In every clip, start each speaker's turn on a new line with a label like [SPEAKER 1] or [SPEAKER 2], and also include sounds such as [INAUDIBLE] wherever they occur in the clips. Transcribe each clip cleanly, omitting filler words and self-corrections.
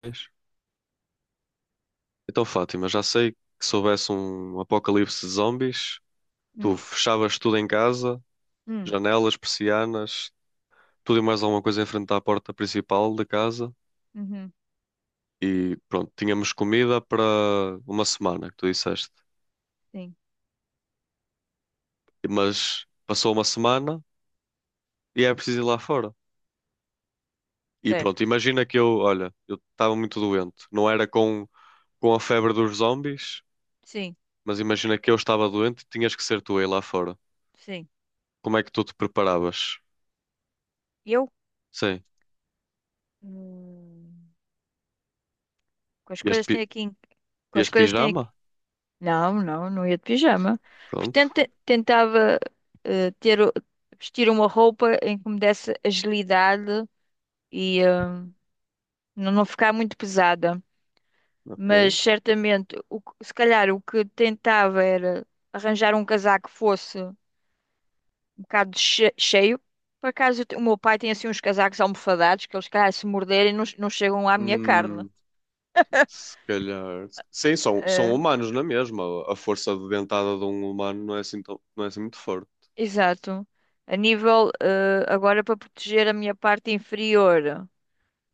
[SPEAKER 1] Pois. Então, Fátima, já sei que se houvesse um apocalipse de zombies, tu
[SPEAKER 2] Hum,
[SPEAKER 1] fechavas tudo em casa,
[SPEAKER 2] hum,
[SPEAKER 1] janelas, persianas, tudo e mais alguma coisa em frente à porta principal da casa
[SPEAKER 2] uhum,
[SPEAKER 1] e pronto, tínhamos comida para uma semana, que tu disseste.
[SPEAKER 2] sim,
[SPEAKER 1] Mas passou uma semana e é preciso ir lá fora. E pronto,
[SPEAKER 2] certo.
[SPEAKER 1] imagina que eu, olha, eu estava muito doente. Não era com a febre dos zombies,
[SPEAKER 2] Sim,
[SPEAKER 1] mas imagina que eu estava doente e tinhas que ser tu aí lá fora.
[SPEAKER 2] sim.
[SPEAKER 1] Como é que tu te preparavas?
[SPEAKER 2] Eu?
[SPEAKER 1] Sim.
[SPEAKER 2] Hum, com as coisas que
[SPEAKER 1] Este,
[SPEAKER 2] tenho aqui, em- com
[SPEAKER 1] dias
[SPEAKER 2] as
[SPEAKER 1] de
[SPEAKER 2] coisas que tenho aqui.
[SPEAKER 1] pijama?
[SPEAKER 2] Não, não, não ia de pijama.
[SPEAKER 1] Pronto,
[SPEAKER 2] Portanto, tentava eh, ter, o- vestir uma roupa em que me desse agilidade e não, não ficar muito pesada. Mas
[SPEAKER 1] ok.
[SPEAKER 2] certamente, se calhar o que tentava era arranjar um casaco que fosse um bocado cheio. Por acaso, o meu pai tem assim uns casacos almofadados que eles, calhar, se morderem, não, não chegam à minha carne.
[SPEAKER 1] Hum, se calhar. Sim, são
[SPEAKER 2] Eh,
[SPEAKER 1] humanos na mesma. A força de dentada de um humano não é assim, tão, não é assim muito forte.
[SPEAKER 2] Exato. A nível, agora para proteger a minha parte inferior,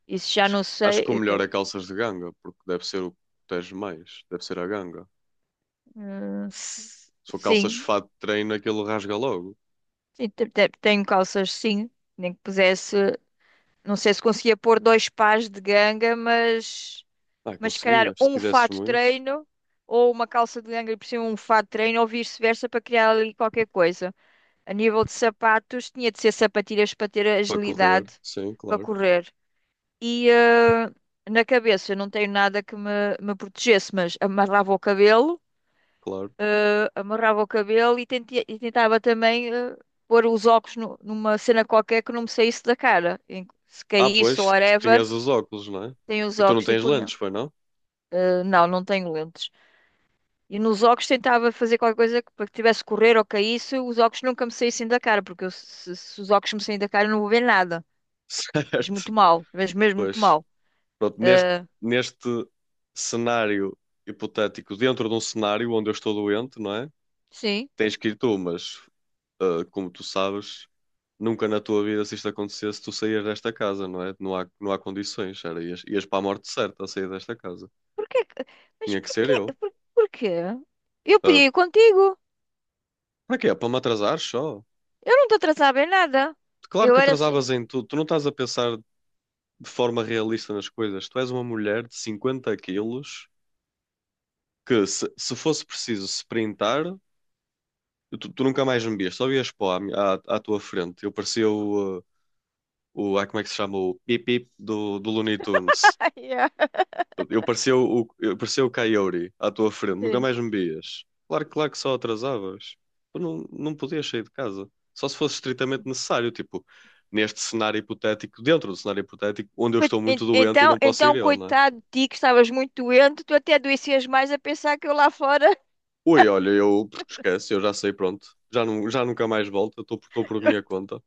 [SPEAKER 2] isso já não sei.
[SPEAKER 1] Acho que o melhor é calças de ganga, porque deve ser o que protege mais. Deve ser a ganga. Se for calças de
[SPEAKER 2] Sim,
[SPEAKER 1] fato de treino, aquilo rasga logo.
[SPEAKER 2] sim, tenho calças, sim. Nem que pusesse, não sei se conseguia pôr dois pares de ganga, mas,
[SPEAKER 1] Ah,
[SPEAKER 2] mas se calhar
[SPEAKER 1] conseguias, se
[SPEAKER 2] um
[SPEAKER 1] quisesses
[SPEAKER 2] fato de
[SPEAKER 1] muito.
[SPEAKER 2] treino ou uma calça de ganga e por cima um fato de treino ou vice-versa para criar ali qualquer coisa. A nível de sapatos, tinha de ser sapatilhas para ter
[SPEAKER 1] Para correr,
[SPEAKER 2] agilidade
[SPEAKER 1] sim,
[SPEAKER 2] para
[SPEAKER 1] claro,
[SPEAKER 2] correr. E na cabeça, eu não tenho nada que me protegesse, mas amarrava o cabelo,
[SPEAKER 1] claro.
[SPEAKER 2] eh, amarrava o cabelo e, tentava também pôr os óculos numa cena qualquer que não me saísse da cara. Se
[SPEAKER 1] Ah,
[SPEAKER 2] caísse ou
[SPEAKER 1] pois, tu
[SPEAKER 2] whatever,
[SPEAKER 1] tinhas os óculos, não é?
[SPEAKER 2] tenho os
[SPEAKER 1] E tu não
[SPEAKER 2] óculos e
[SPEAKER 1] tens
[SPEAKER 2] punha.
[SPEAKER 1] lentes, foi não?
[SPEAKER 2] Não, não tenho lentes. E nos óculos tentava fazer qualquer coisa que, para que tivesse que correr ou caísse, os óculos nunca me saíssem da cara, porque eu, se os óculos me saírem da cara, eu não vou ver nada.
[SPEAKER 1] [LAUGHS]
[SPEAKER 2] Mas
[SPEAKER 1] Certo,
[SPEAKER 2] muito mal, mas mesmo muito
[SPEAKER 1] pois.
[SPEAKER 2] mal.
[SPEAKER 1] Pronto, neste,
[SPEAKER 2] Ah,
[SPEAKER 1] neste cenário hipotético, dentro de um cenário onde eu estou doente, não é?
[SPEAKER 2] sim.
[SPEAKER 1] Tens que ir tu, mas como tu sabes, nunca na tua vida, se isto acontecesse, tu saías desta casa, não é? Não há, não há condições, era, ias, ias para a morte certa a sair desta casa.
[SPEAKER 2] Porquê? Mas
[SPEAKER 1] Tinha que ser
[SPEAKER 2] porquê?
[SPEAKER 1] eu.
[SPEAKER 2] Porquê? Eu
[SPEAKER 1] Ah,
[SPEAKER 2] podia ir contigo.
[SPEAKER 1] para quê? Para me atrasar só?
[SPEAKER 2] Eu não te atrasava em nada.
[SPEAKER 1] Claro
[SPEAKER 2] Eu
[SPEAKER 1] que
[SPEAKER 2] era assim.
[SPEAKER 1] atrasavas em tudo. Tu não estás a pensar de forma realista nas coisas. Tu és uma mulher de 50 quilos que, se fosse preciso sprintar, tu, tu nunca mais me vias, só vias pó à, mi- à, à tua frente. Eu parecia o, como é que se chama? O Pip Pip do, do Looney Tunes.
[SPEAKER 2] [LAUGHS] Ai, ai.
[SPEAKER 1] Eu parecia o Coyote à tua frente, nunca
[SPEAKER 2] Sim.
[SPEAKER 1] mais me vias. Claro, claro que só atrasavas. Tu não, não podias sair de casa. Só se fosse estritamente necessário, tipo, neste cenário hipotético, dentro do cenário hipotético, onde eu estou muito doente e
[SPEAKER 2] Então,
[SPEAKER 1] não posso ir
[SPEAKER 2] então,
[SPEAKER 1] eu, não é?
[SPEAKER 2] coitado de ti, que estavas muito doente, tu até adoecias mais a pensar que eu lá fora. [LAUGHS]
[SPEAKER 1] Ui, olha, eu esquece, eu já sei, pronto. Já, não, já nunca mais volto, eu estou por estou por minha conta.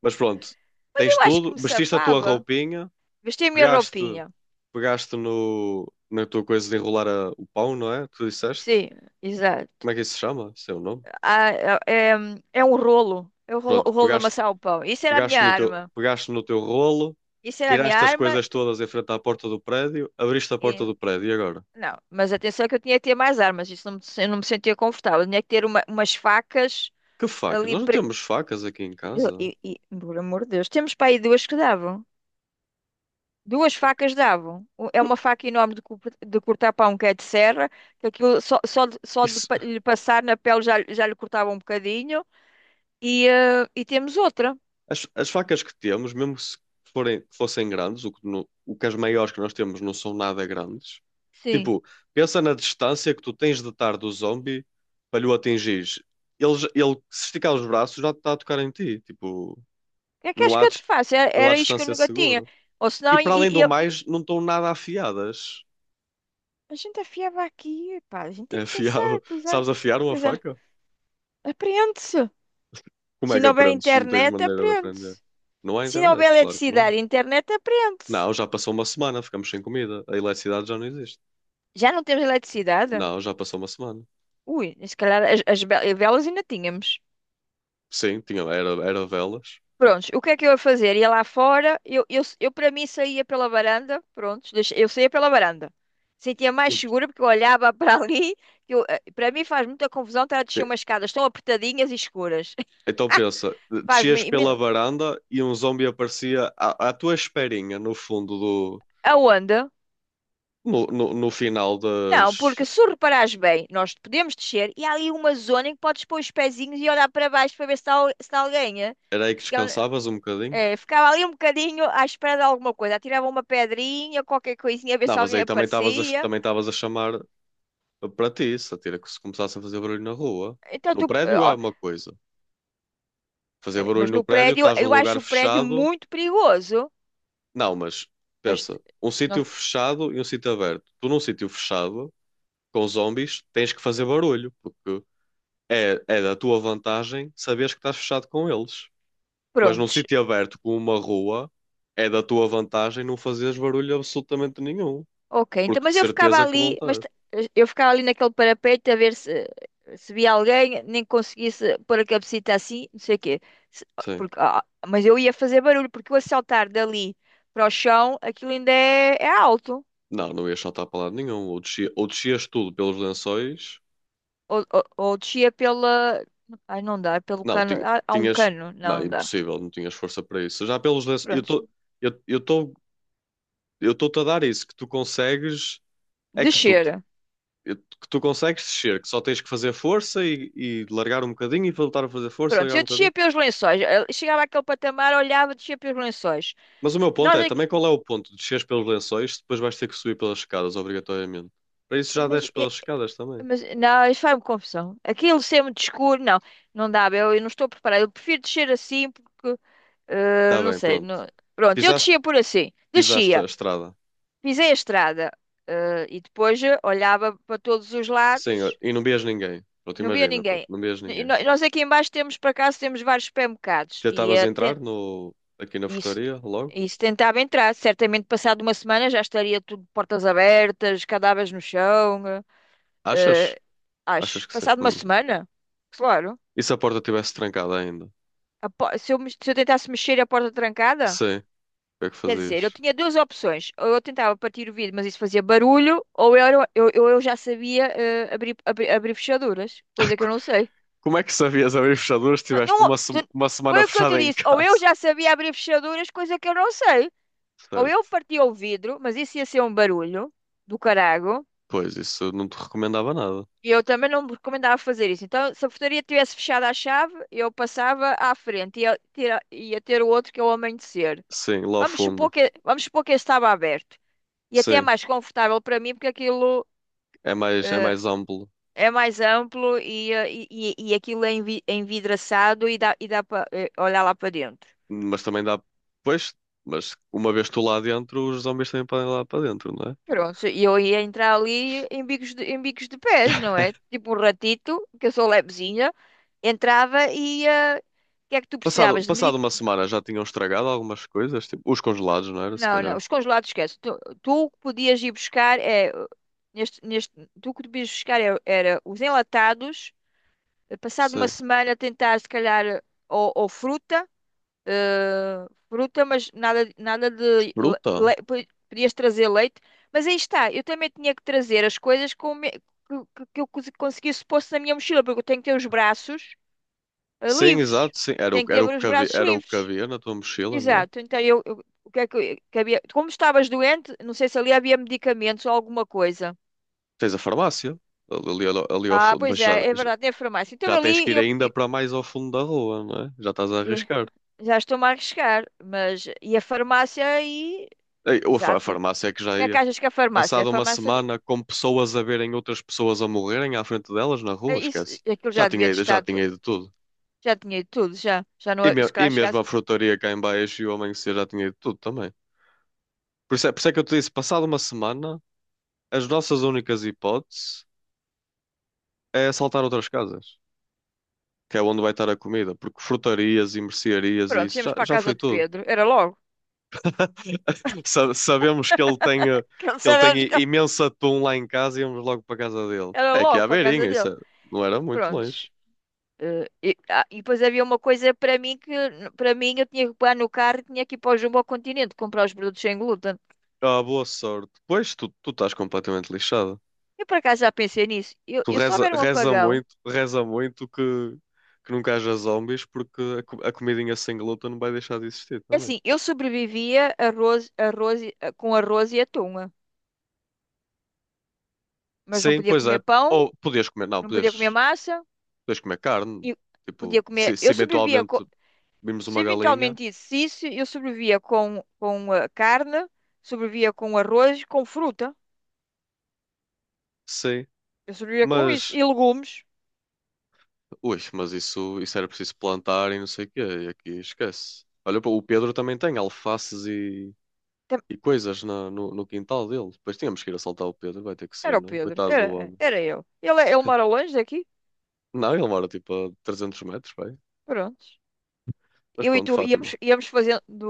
[SPEAKER 1] Mas pronto,
[SPEAKER 2] Mas
[SPEAKER 1] tens
[SPEAKER 2] eu acho que
[SPEAKER 1] tudo,
[SPEAKER 2] me
[SPEAKER 1] vestiste a tua
[SPEAKER 2] safava.
[SPEAKER 1] roupinha,
[SPEAKER 2] Vesti a minha
[SPEAKER 1] pegaste,
[SPEAKER 2] roupinha.
[SPEAKER 1] pegaste no, na tua coisa de enrolar a- o pão, não é? Tu disseste?
[SPEAKER 2] Sim, exato.
[SPEAKER 1] Como é que isso se chama? Esse é o nome?
[SPEAKER 2] Ah, é, é é um rolo. É o rolo, o
[SPEAKER 1] Pronto,
[SPEAKER 2] rolo de
[SPEAKER 1] pegaste,
[SPEAKER 2] amassar o pão. Isso era a minha arma.
[SPEAKER 1] pegaste no teu rolo,
[SPEAKER 2] Isso era a minha
[SPEAKER 1] tiraste as
[SPEAKER 2] arma.
[SPEAKER 1] coisas todas em frente à porta do prédio, abriste a porta do prédio e agora?
[SPEAKER 2] Não, mas atenção que eu tinha que ter mais armas, isso não me, eu não me sentia confortável. Eu tinha que ter umas facas
[SPEAKER 1] Que faca?
[SPEAKER 2] ali.
[SPEAKER 1] Nós não
[SPEAKER 2] pre-
[SPEAKER 1] temos facas aqui em
[SPEAKER 2] E,
[SPEAKER 1] casa.
[SPEAKER 2] e- e, por amor de Deus, temos para aí duas que davam. Duas facas davam. É
[SPEAKER 1] Que-
[SPEAKER 2] uma faca enorme de cortar pão que é de serra, que aquilo só, só, de- só de
[SPEAKER 1] isso,
[SPEAKER 2] pa- lhe passar na pele já, lhe cortava um bocadinho. E temos outra.
[SPEAKER 1] as facas que temos, mesmo se forem, que fossem grandes, o que, no- o que as maiores que nós temos não são nada grandes.
[SPEAKER 2] Sim.
[SPEAKER 1] Tipo, pensa na distância que tu tens de estar do zombie para lhe o atingires. Ele, j- ele, se esticar os braços, já está a tocar em ti. Tipo,
[SPEAKER 2] O que é que
[SPEAKER 1] não
[SPEAKER 2] acho que
[SPEAKER 1] há,
[SPEAKER 2] eu te
[SPEAKER 1] dis-
[SPEAKER 2] faço? Era,
[SPEAKER 1] não há
[SPEAKER 2] era isto que eu
[SPEAKER 1] distância
[SPEAKER 2] nunca tinha.
[SPEAKER 1] segura.
[SPEAKER 2] Ou
[SPEAKER 1] E
[SPEAKER 2] senão,
[SPEAKER 1] para além do mais, não estão nada afiadas.
[SPEAKER 2] a gente afiava aqui, pá, a gente tem
[SPEAKER 1] É
[SPEAKER 2] que pensar,
[SPEAKER 1] afiado. [LAUGHS]
[SPEAKER 2] utilizar,
[SPEAKER 1] Sabes afiar uma
[SPEAKER 2] utilizar.
[SPEAKER 1] faca?
[SPEAKER 2] Apreende-se.
[SPEAKER 1] Como
[SPEAKER 2] Se
[SPEAKER 1] é que
[SPEAKER 2] não houver
[SPEAKER 1] aprendes se não tens
[SPEAKER 2] internet,
[SPEAKER 1] maneira de
[SPEAKER 2] aprende-se.
[SPEAKER 1] aprender? Não há
[SPEAKER 2] Se não houver
[SPEAKER 1] internet, claro que não há.
[SPEAKER 2] eletricidade e internet, aprende-se.
[SPEAKER 1] Não, já passou uma semana, ficamos sem comida. A eletricidade já não existe.
[SPEAKER 2] Já não temos eletricidade?
[SPEAKER 1] Não, já passou uma semana.
[SPEAKER 2] Ui, se calhar as velas ainda tínhamos.
[SPEAKER 1] Sim, tinha, era, era velas.
[SPEAKER 2] Prontos, o que é que eu ia fazer? Ia lá fora, eu para mim saía pela varanda, prontos, eu saía pela varanda. Sentia mais
[SPEAKER 1] Imp-
[SPEAKER 2] segura porque eu olhava [LAUGHS] para ali, para mim faz muita confusão estar a descer umas escadas tão apertadinhas e escuras.
[SPEAKER 1] então pensa,
[SPEAKER 2] [LAUGHS] Faz-me
[SPEAKER 1] descias pela
[SPEAKER 2] imen-
[SPEAKER 1] varanda e um zombie aparecia à, à tua esperinha no fundo do.
[SPEAKER 2] Aonde?
[SPEAKER 1] No, no final
[SPEAKER 2] Não, porque
[SPEAKER 1] das.
[SPEAKER 2] se tu reparares bem, nós podemos descer e há ali uma zona em que podes pôr os pezinhos e olhar para baixo para ver se está alguém. Eh?
[SPEAKER 1] Era aí que
[SPEAKER 2] Se que ele-
[SPEAKER 1] descansavas um bocadinho?
[SPEAKER 2] eh, Ficava ali um bocadinho à espera de alguma coisa. Atirava uma pedrinha, qualquer coisinha, a ver
[SPEAKER 1] Não,
[SPEAKER 2] se
[SPEAKER 1] mas
[SPEAKER 2] alguém
[SPEAKER 1] aí
[SPEAKER 2] aparecia.
[SPEAKER 1] também estavas a chamar para ti, se atira que se começassem a fazer barulho na rua.
[SPEAKER 2] Então
[SPEAKER 1] No
[SPEAKER 2] tu,
[SPEAKER 1] prédio é
[SPEAKER 2] ó,
[SPEAKER 1] uma coisa. Fazer barulho
[SPEAKER 2] mas
[SPEAKER 1] no
[SPEAKER 2] no
[SPEAKER 1] prédio,
[SPEAKER 2] prédio,
[SPEAKER 1] estás num
[SPEAKER 2] eu
[SPEAKER 1] lugar
[SPEAKER 2] acho o prédio
[SPEAKER 1] fechado.
[SPEAKER 2] muito perigoso.
[SPEAKER 1] Não, mas
[SPEAKER 2] As-
[SPEAKER 1] pensa, um sítio
[SPEAKER 2] nós-
[SPEAKER 1] fechado e um sítio aberto. Tu num sítio fechado com zombies, tens que fazer barulho, porque é, é da tua vantagem saberes que estás fechado com eles. Mas num
[SPEAKER 2] prontos.
[SPEAKER 1] sítio aberto como uma rua, é da tua vantagem não fazeres barulho absolutamente nenhum,
[SPEAKER 2] Ok, então,
[SPEAKER 1] porque
[SPEAKER 2] mas
[SPEAKER 1] de
[SPEAKER 2] eu ficava
[SPEAKER 1] certeza que vão
[SPEAKER 2] ali,
[SPEAKER 1] ter.
[SPEAKER 2] eu ficava ali naquele parapeito a ver se, via alguém, nem conseguisse pôr a cabecita assim, não sei o quê. Se-
[SPEAKER 1] Sim.
[SPEAKER 2] porque, ah, mas eu ia fazer barulho, porque eu o saltar dali para o chão, aquilo ainda é alto.
[SPEAKER 1] Não, não ias saltar para lado nenhum. Ou descia- ou descias tudo pelos lençóis.
[SPEAKER 2] Ou descia pela. Ai, não dá, pelo
[SPEAKER 1] Não,
[SPEAKER 2] cano.
[SPEAKER 1] tinha-
[SPEAKER 2] Há um
[SPEAKER 1] tinhas.
[SPEAKER 2] cano, não,
[SPEAKER 1] Não,
[SPEAKER 2] não dá.
[SPEAKER 1] impossível, não tinhas força para isso. Já pelos lençóis. Eu
[SPEAKER 2] Prontos,
[SPEAKER 1] estou. Eu estou. Eu estou-te a dar isso, que tu consegues. É que tu
[SPEAKER 2] descer.
[SPEAKER 1] eu- que tu consegues descer, que só tens que fazer força e largar um bocadinho e voltar a fazer força,
[SPEAKER 2] Pronto,
[SPEAKER 1] largar
[SPEAKER 2] eu
[SPEAKER 1] um bocadinho.
[SPEAKER 2] descia pelos lençóis. Eu chegava àquele patamar, olhava, descia pelos lençóis.
[SPEAKER 1] Mas o meu ponto
[SPEAKER 2] Nós
[SPEAKER 1] é,
[SPEAKER 2] aqui,
[SPEAKER 1] também qual é o ponto de desceres pelos lençóis, depois vais ter que subir pelas escadas, obrigatoriamente. Para isso já
[SPEAKER 2] mas
[SPEAKER 1] desces pelas escadas também.
[SPEAKER 2] mas não, isso faz-me confusão. Aquilo ser muito escuro, não, não dá, eu não estou preparada. Eu prefiro descer assim porque
[SPEAKER 1] Tá
[SPEAKER 2] não
[SPEAKER 1] bem,
[SPEAKER 2] sei.
[SPEAKER 1] pronto.
[SPEAKER 2] Pronto, eu
[SPEAKER 1] Pisaste,
[SPEAKER 2] descia por assim,
[SPEAKER 1] pisaste a
[SPEAKER 2] descia,
[SPEAKER 1] estrada.
[SPEAKER 2] pisei a estrada e depois olhava para todos os
[SPEAKER 1] Sim, ó,
[SPEAKER 2] lados,
[SPEAKER 1] e não vias ninguém. Pronto,
[SPEAKER 2] não via
[SPEAKER 1] imagina, pronto,
[SPEAKER 2] ninguém.
[SPEAKER 1] não vias
[SPEAKER 2] E
[SPEAKER 1] ninguém.
[SPEAKER 2] nós aqui embaixo temos, por acaso, temos vários supermercados e,
[SPEAKER 1] Tentavas entrar no, aqui na
[SPEAKER 2] e se
[SPEAKER 1] frutaria logo?
[SPEAKER 2] e se tentava entrar, certamente passado uma semana já estaria tudo portas abertas, cadáveres no chão. Eh.
[SPEAKER 1] Achas?
[SPEAKER 2] Eh, Acho.
[SPEAKER 1] Achas que sim?
[SPEAKER 2] Passado uma
[SPEAKER 1] Hum.
[SPEAKER 2] semana? Claro.
[SPEAKER 1] E se a porta estivesse trancada ainda?
[SPEAKER 2] Se eu tentasse mexer e a porta trancada,
[SPEAKER 1] Sim. O que é que
[SPEAKER 2] quer dizer, eu
[SPEAKER 1] fazias?
[SPEAKER 2] tinha duas opções. Ou eu tentava partir o vidro, mas isso fazia barulho, ou eu, era- eu já sabia abrir fechaduras, coisa que eu
[SPEAKER 1] [LAUGHS]
[SPEAKER 2] não sei.
[SPEAKER 1] Como é que sabias abrir fechaduras se
[SPEAKER 2] Não,
[SPEAKER 1] tiveste uma, sema- uma semana
[SPEAKER 2] foi o que eu te
[SPEAKER 1] fechada em
[SPEAKER 2] disse. Ou eu
[SPEAKER 1] casa?
[SPEAKER 2] já sabia abrir fechaduras, coisa que eu não sei. Ou eu
[SPEAKER 1] Certo.
[SPEAKER 2] partia o vidro, mas isso ia ser um barulho do carago.
[SPEAKER 1] Pois, isso eu não te recomendava nada.
[SPEAKER 2] E eu também não me recomendava fazer isso. Então, se a portaria tivesse fechado à chave, eu passava à frente e ia ter o outro que é o amanhecer.
[SPEAKER 1] Sim, lá ao
[SPEAKER 2] Vamos supor
[SPEAKER 1] fundo.
[SPEAKER 2] que, vamos supor que esse estava aberto. E até é
[SPEAKER 1] Sim,
[SPEAKER 2] mais confortável para mim, porque aquilo
[SPEAKER 1] é
[SPEAKER 2] eh,
[SPEAKER 1] mais amplo.
[SPEAKER 2] é mais amplo e aquilo é envidraçado e dá para olhar lá para dentro.
[SPEAKER 1] Mas também dá. Pois, mas uma vez tu lá dentro, os zombies também podem ir lá para dentro, não é?
[SPEAKER 2] Pronto, e eu ia entrar ali em bicos de pés, não
[SPEAKER 1] [LAUGHS]
[SPEAKER 2] é? Tipo um ratito, que eu sou levezinha, entrava e ia. O que é que tu
[SPEAKER 1] Passado,
[SPEAKER 2] precisavas de
[SPEAKER 1] passado
[SPEAKER 2] medic.
[SPEAKER 1] uma semana já tinham estragado algumas coisas, tipo os congelados, não era? Se
[SPEAKER 2] Não, não,
[SPEAKER 1] calhar.
[SPEAKER 2] os congelados esquece. Tu o que podias ir buscar é neste, neste, tu o que podias buscar era os enlatados, passado uma
[SPEAKER 1] Sim.
[SPEAKER 2] semana tentar se calhar ou fruta, mas nada, nada de le-
[SPEAKER 1] Fruta?
[SPEAKER 2] le- po- podias trazer leite, mas aí está, eu também tinha que trazer as coisas com, me- que eu conseguisse pôr na minha mochila, porque eu tenho que ter os braços
[SPEAKER 1] Sim,
[SPEAKER 2] livres,
[SPEAKER 1] exato, sim. Era o,
[SPEAKER 2] tenho que
[SPEAKER 1] era
[SPEAKER 2] ter
[SPEAKER 1] o
[SPEAKER 2] os
[SPEAKER 1] que havia,
[SPEAKER 2] braços
[SPEAKER 1] era o que
[SPEAKER 2] livres.
[SPEAKER 1] havia na tua mochila, não é?
[SPEAKER 2] Exato, então o que é que havia, como estavas doente, não sei se ali havia medicamentos ou alguma coisa.
[SPEAKER 1] Tens a farmácia ali, ali, ali ao
[SPEAKER 2] Ah,
[SPEAKER 1] fundo, mas
[SPEAKER 2] pois
[SPEAKER 1] já,
[SPEAKER 2] é verdade, tem a farmácia. Então
[SPEAKER 1] já tens que
[SPEAKER 2] ali
[SPEAKER 1] ir ainda para mais ao fundo da rua, não é? Já estás a
[SPEAKER 2] eu-
[SPEAKER 1] arriscar.
[SPEAKER 2] já estou-me a arriscar, mas e a farmácia aí?
[SPEAKER 1] Ei, ou a fa- a
[SPEAKER 2] Exato. O
[SPEAKER 1] farmácia é que já
[SPEAKER 2] que é que
[SPEAKER 1] ia.
[SPEAKER 2] achas que a farmácia? A
[SPEAKER 1] Passada uma
[SPEAKER 2] farmácia,
[SPEAKER 1] semana com pessoas a verem outras pessoas a morrerem à frente delas na
[SPEAKER 2] é
[SPEAKER 1] rua,
[SPEAKER 2] isso,
[SPEAKER 1] esquece.
[SPEAKER 2] aquilo já devia ter
[SPEAKER 1] Já
[SPEAKER 2] estado,
[SPEAKER 1] tinha ido tudo.
[SPEAKER 2] já tinha ido tudo, já não,
[SPEAKER 1] E, me-
[SPEAKER 2] se
[SPEAKER 1] e
[SPEAKER 2] calhar
[SPEAKER 1] mesmo
[SPEAKER 2] chegasse.
[SPEAKER 1] a frutaria cá em baixo e o amanhecer já tinha ido tudo também. Por isso é que eu te disse, passada uma semana, as nossas únicas hipóteses é assaltar outras casas, que é onde vai estar a comida, porque frutarias e mercearias e
[SPEAKER 2] Pronto,
[SPEAKER 1] isso
[SPEAKER 2] íamos
[SPEAKER 1] já,
[SPEAKER 2] para a
[SPEAKER 1] já
[SPEAKER 2] casa
[SPEAKER 1] foi
[SPEAKER 2] de
[SPEAKER 1] tudo.
[SPEAKER 2] Pedro, era logo,
[SPEAKER 1] Sa- sabemos que ele tem,
[SPEAKER 2] [LAUGHS] que não
[SPEAKER 1] que ele tem
[SPEAKER 2] sabemos que
[SPEAKER 1] i- imenso atum lá em casa e íamos logo para a casa dele.
[SPEAKER 2] era
[SPEAKER 1] É que é
[SPEAKER 2] logo
[SPEAKER 1] à
[SPEAKER 2] para a casa
[SPEAKER 1] beirinha, isso
[SPEAKER 2] dele.
[SPEAKER 1] é- não era muito
[SPEAKER 2] Pronto,
[SPEAKER 1] longe.
[SPEAKER 2] Ah, e depois havia uma coisa para mim que para mim eu tinha que pegar no carro e tinha que ir para o Jumbo ao Continente comprar os produtos sem glúten.
[SPEAKER 1] Ah, boa sorte. Pois, tu, tu estás completamente lixado.
[SPEAKER 2] Eu por acaso já pensei nisso. Eu,
[SPEAKER 1] Tu
[SPEAKER 2] eu se
[SPEAKER 1] reza,
[SPEAKER 2] houver um apagão,
[SPEAKER 1] reza muito que nunca haja zombies porque a, co- a comidinha sem glúten não vai deixar de existir
[SPEAKER 2] é
[SPEAKER 1] também.
[SPEAKER 2] assim, eu sobrevivia com arroz e atum, mas não
[SPEAKER 1] Sim,
[SPEAKER 2] podia
[SPEAKER 1] pois é.
[SPEAKER 2] comer pão,
[SPEAKER 1] Ou podias comer, não,
[SPEAKER 2] não podia comer
[SPEAKER 1] podias,
[SPEAKER 2] massa
[SPEAKER 1] podias comer carne.
[SPEAKER 2] e podia
[SPEAKER 1] Tipo, se,
[SPEAKER 2] comer.
[SPEAKER 1] se eventualmente vimos
[SPEAKER 2] Se
[SPEAKER 1] uma galinha,
[SPEAKER 2] eventualmente isso, se isso, eu sobrevivia com carne, sobrevivia com arroz, com fruta.
[SPEAKER 1] sim.
[SPEAKER 2] Eu sobrevivia com isso
[SPEAKER 1] Mas.
[SPEAKER 2] e legumes.
[SPEAKER 1] Ui, mas isso era preciso plantar e não sei o quê, e aqui esquece. Olha, pô, o Pedro também tem alfaces e coisas na- no, no quintal dele. Depois tínhamos que ir assaltar o Pedro, vai ter que ser,
[SPEAKER 2] Era o
[SPEAKER 1] né?
[SPEAKER 2] Pedro,
[SPEAKER 1] Coitado do
[SPEAKER 2] era,
[SPEAKER 1] homem.
[SPEAKER 2] era eu. Ele mora longe daqui,
[SPEAKER 1] Não, ele mora tipo a 300 metros, vai.
[SPEAKER 2] pronto.
[SPEAKER 1] Mas
[SPEAKER 2] Eu e
[SPEAKER 1] pronto,
[SPEAKER 2] tu íamos,
[SPEAKER 1] Fátima.
[SPEAKER 2] íamos fazendo,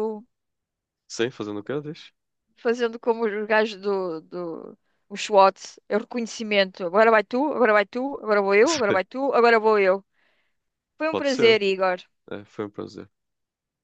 [SPEAKER 1] Sim, fazendo o quê, diz?
[SPEAKER 2] fazendo como os gajos do, do os SWAT, é o reconhecimento. Agora vai tu, agora vai tu, agora vou eu, agora vai
[SPEAKER 1] [LAUGHS]
[SPEAKER 2] tu, agora vou eu. Foi um
[SPEAKER 1] Pode ser.
[SPEAKER 2] prazer, Igor.
[SPEAKER 1] É, foi um prazer.